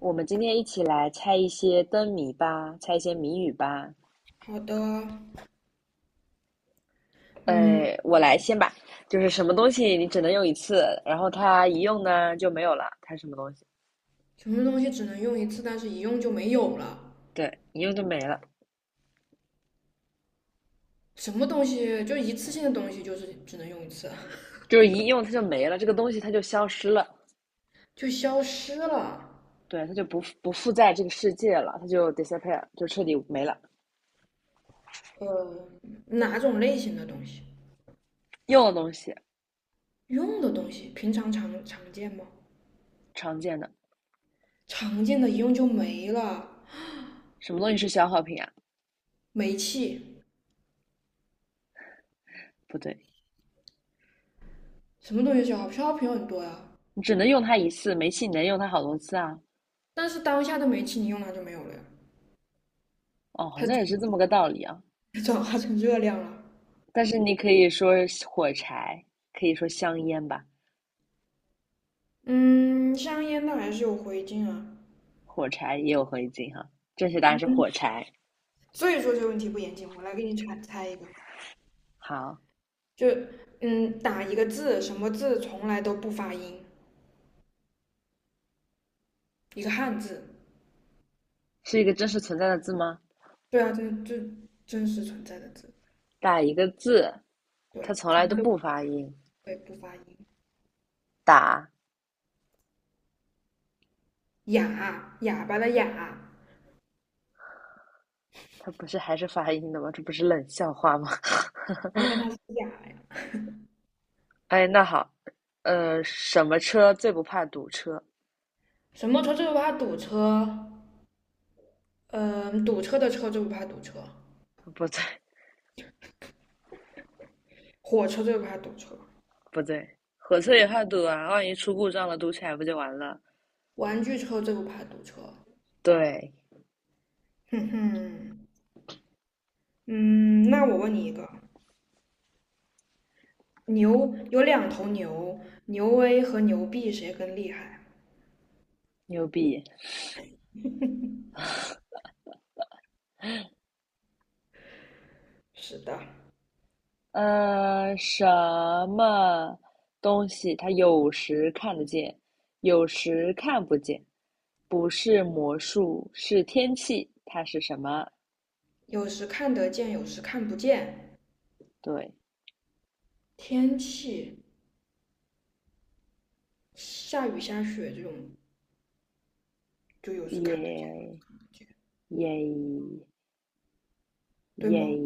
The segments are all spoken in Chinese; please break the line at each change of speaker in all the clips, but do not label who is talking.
我们今天一起来猜一些灯谜吧，猜一些谜语吧。
好的，嗯，
我来先吧，就是什么东西你只能用一次，然后它一用呢就没有了，它什么东西？
什么东西只能用一次，但是一用就没有了？
对，一用就没了，
什么东西就一次性的东西，就是只能用一次，
就是一用它就没了，这个东西它就消失了，
就消失了？
对，它就不附在这个世界了，它就 disappear，就彻底没了。
呃，哪种类型的东西？
用的东西
用的东西，平常常常见吗？
常见的，
常见的一用就没了。
什么东西是消耗品啊？
煤气，
不对，
什么东西消耗？消耗品很多呀，
你只能用它一次，煤气你能用它好多次啊。
但是当下的煤气你用它就没有了呀，
哦，好
它
像也是这
转
么个道理啊。
化成热量了。
但是你可以说火柴，可以说香烟吧，
嗯，香烟它还是有灰烬啊。
火柴也有回一字哈。正确答案是火柴。
所以说这个问题不严谨，我来给你猜猜一个。
好，
就打一个字，什么字从来都不发音，一个汉字。
是一个真实存在的字吗？
对啊，真实存在的字，
打一个字，它
对，
从
从
来都
来都不
不发音。
会不发音。
打，
哑，哑巴的哑，
它不是还是发音的吗？这不是冷笑话吗？
对，但他是哑呀。
哎，那好，什么车最不怕堵车？
什么车最不怕堵车？嗯、堵车的车最不怕堵车，
不对，
火车最不怕堵车，
不对，火车也怕堵啊，万一出故障了，堵起来不就完了？
玩具车最不怕堵车。
对，
哼哼，嗯，那我问你一个，牛有两头牛，牛 A 和牛 B 谁更厉害？
牛逼。
是的。
什么东西它有时看得见，有时看不见？不是魔术，是天气，它是什么？
有时看得见，有时看不见。
对，
天气下雨下雪这种，就有时看得见，有
耶
时看不见
耶
对
耶！
吗？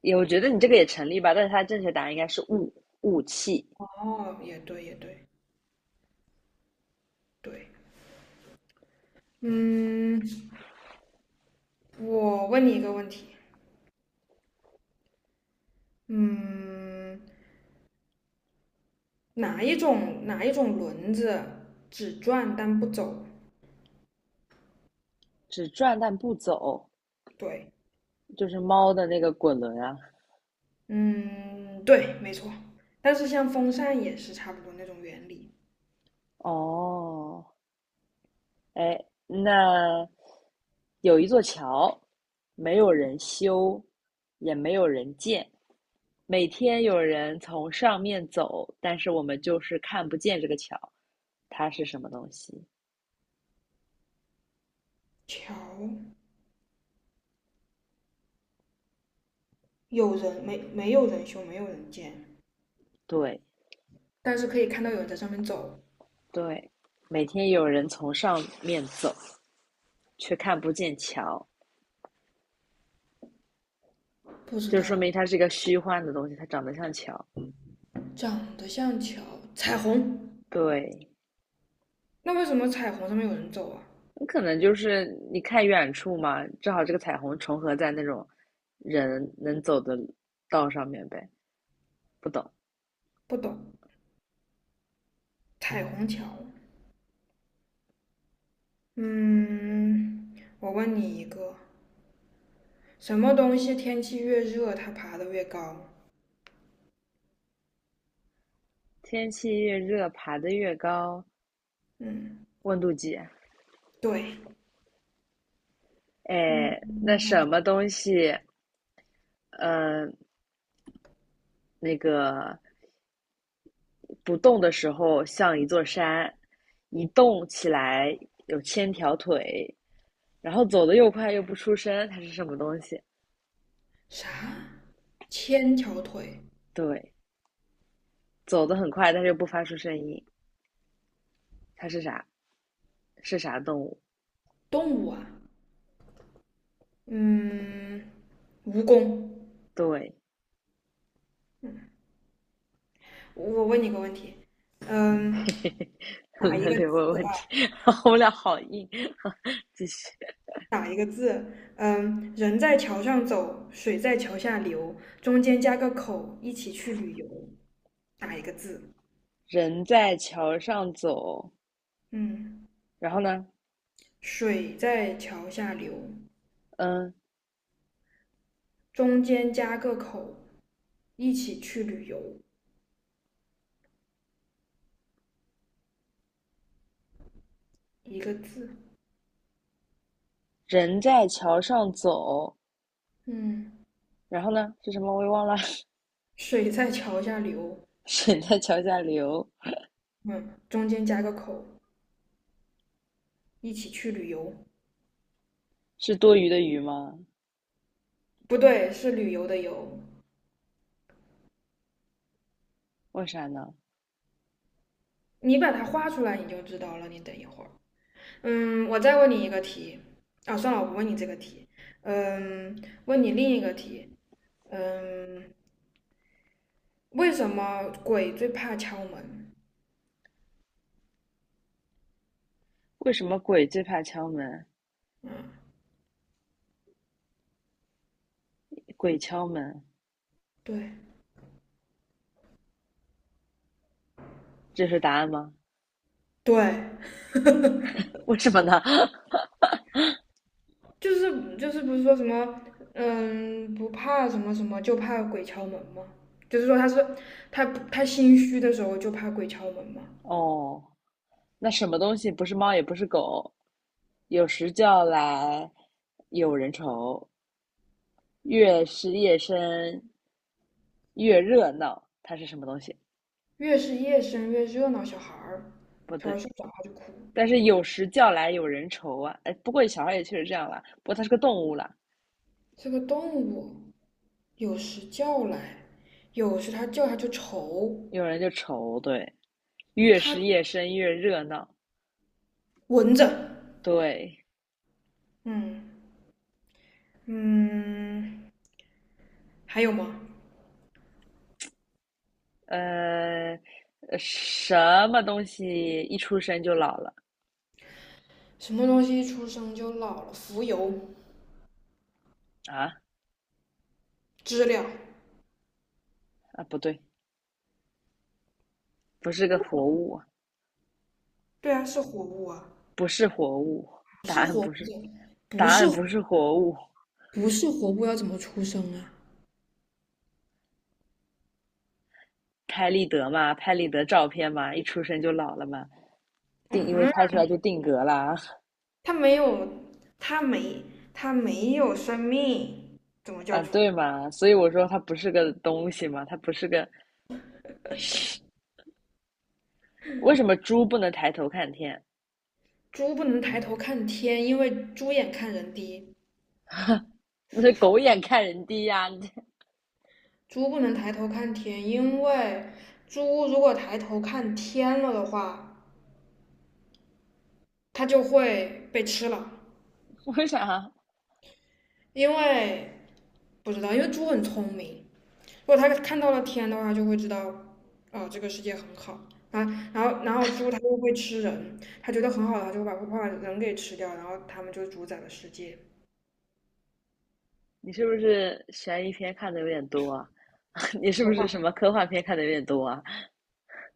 也我觉得你这个也成立吧，但是它正确答案应该是雾雾气，
哦，也对，也对，对。嗯，我问你一个问题，嗯，哪一种轮子只转但不走？
只转但不走，
对，
就是猫的那个滚轮啊。
嗯，对，没错。但是像风扇也是差不多那种原理。
哦，哎，那有一座桥，没有人修，也没有人建，每天有人从上面走，但是我们就是看不见这个桥，它是什么东西？
桥有人,没有人修，没有人建，
对
但是可以看到有人在上面走。
对，每天有人从上面走，却看不见桥，
不知
就说明
道，
它是一个虚幻的东西，它长得像桥。
长得像桥，彩虹。
对，
那为什么彩虹上面有人走啊？
可能就是你看远处嘛，正好这个彩虹重合在那种人能走的道上面呗。不懂，
不懂。彩虹桥。嗯，我问你一个，什么东西天气越热，它爬得越高？
天气越热，爬得越高，
嗯，
温度计。
对。嗯，
哎，那什
啊
么东西，呃，那个不动的时候像一座山，一动起来有千条腿，然后走得又快又不出声，它是什么东西？
啥？千条腿
对，走得很快，但是又不发出声音，它是啥？是啥动物？
动物啊？嗯，蜈蚣。
对，
我问你个问题，嗯，打一
轮
个
流问问题，我们俩好硬。继续，
打一个字？嗯，人在桥上走，水在桥下流，中间加个口，一起去旅游。打一个字？
人在桥上走，
嗯，
然后呢，
水在桥下流，
嗯，
中间加个口，一起去旅游。一个字。
人在桥上走，
嗯，
然后呢是什么？我也忘了。
水在桥下流，
水在桥下流，
嗯，中间加个口，一起去旅游。
是多余的鱼吗？
不对，是旅游的游。
为啥呢？
你把它画出来，你就知道了。你等一会儿。嗯，我再问你一个题。啊，算了，我不问你这个题。嗯，问你另一个题。嗯，为什么鬼最怕敲门？
为什么鬼最怕敲门？
嗯，
鬼敲门，
对
这是答案吗？
对，
为什么呢？
就是不是说什么嗯不怕什么什么，就怕鬼敲门吗？就是说他他心虚的时候就怕鬼敲门吗？
哦，那什么东西不是猫也不是狗，有时叫来有人愁。越是夜深越热闹，它是什么东西？
越是夜深越热闹，小孩儿
不
小
对，
孩儿睡不着他就哭。
但是有时叫来有人愁啊。哎，不过小孩也确实这样啦，不过它是个动物啦，
这个动物有时叫来，有时他叫他就愁。
有人就愁。对，越
它
是夜深越热闹。
闻着，
对，
嗯，嗯，还有吗？
呃，什么东西一出生就老了
什么东西一出生就老了？浮游
啊？
知了，
啊，不对，不是个活物啊
对啊，是活物啊。
不是活物，答案不是，
不
答
是
案不是活物。
不是活物要怎么出生啊？
拍立得嘛，拍立得照片嘛，一出生就老了嘛。定，因为
嗯，
拍出来就定格啦，
它没有，它没，它没有生命，怎么叫
啊，
出生？
对嘛，所以我说它不是个东西嘛，它不是个，为什么猪不能抬头看天？
猪不能抬头看天，因为猪眼看人低。
那是狗眼看人低呀、你
猪不能抬头看天，因为猪如果抬头看天了的话，它就会被吃了。
为啥
因为不知道，因为猪很聪明，如果它看到了天的话，就会知道，哦，这个世界很好。啊，然后猪它又会吃人，它觉得很好的，它就会把人给吃掉，然后它们就主宰了世界。
你是不是悬疑片看的有点多啊？你是不
说话，
是什么科幻片看的有点多啊？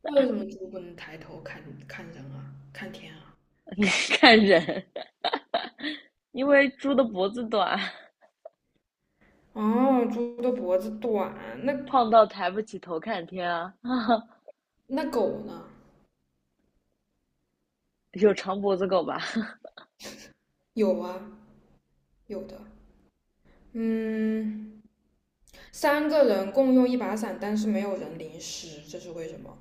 那为什么猪不能抬头看看人啊，看天啊？
你看人，因为猪的脖子短，
哦，猪的脖子短，那
胖到抬不起头看天啊。
那狗呢？
有长脖子狗吧？
有啊，有的。嗯，三个人共用一把伞，但是没有人淋湿，这是为什么？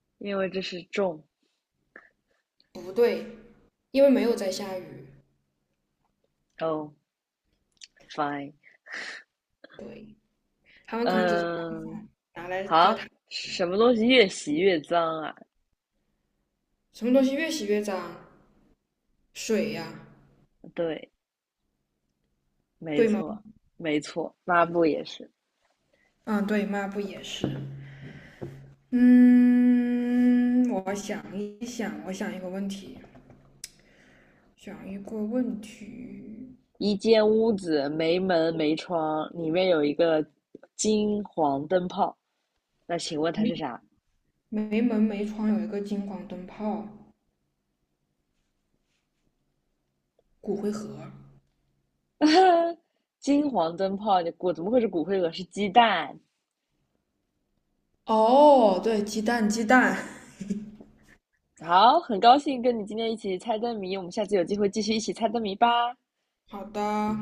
因为这是重。
不对，因为没有在下雨。
哦 oh,，fine。
对。他们可能只是
嗯，
拿来遮
好，
腾。
什么东西越洗越脏啊？
什么东西越洗越脏？水呀，
对，没
对吗？
错，没错，抹布也是。
嗯，对，抹布也是。嗯，我想一想，我想一个问题，想一个问题。
一间屋子没门没窗，里面有一个金黄灯泡，那请问它是啥？
没门没窗有一个金黄灯泡，骨灰盒。
呃金黄灯泡，你我怎么会是骨灰盒？是鸡蛋。
哦，对，鸡蛋，鸡蛋。
好，很高兴跟你今天一起猜灯谜，我们下次有机会继续一起猜灯谜吧。
好的，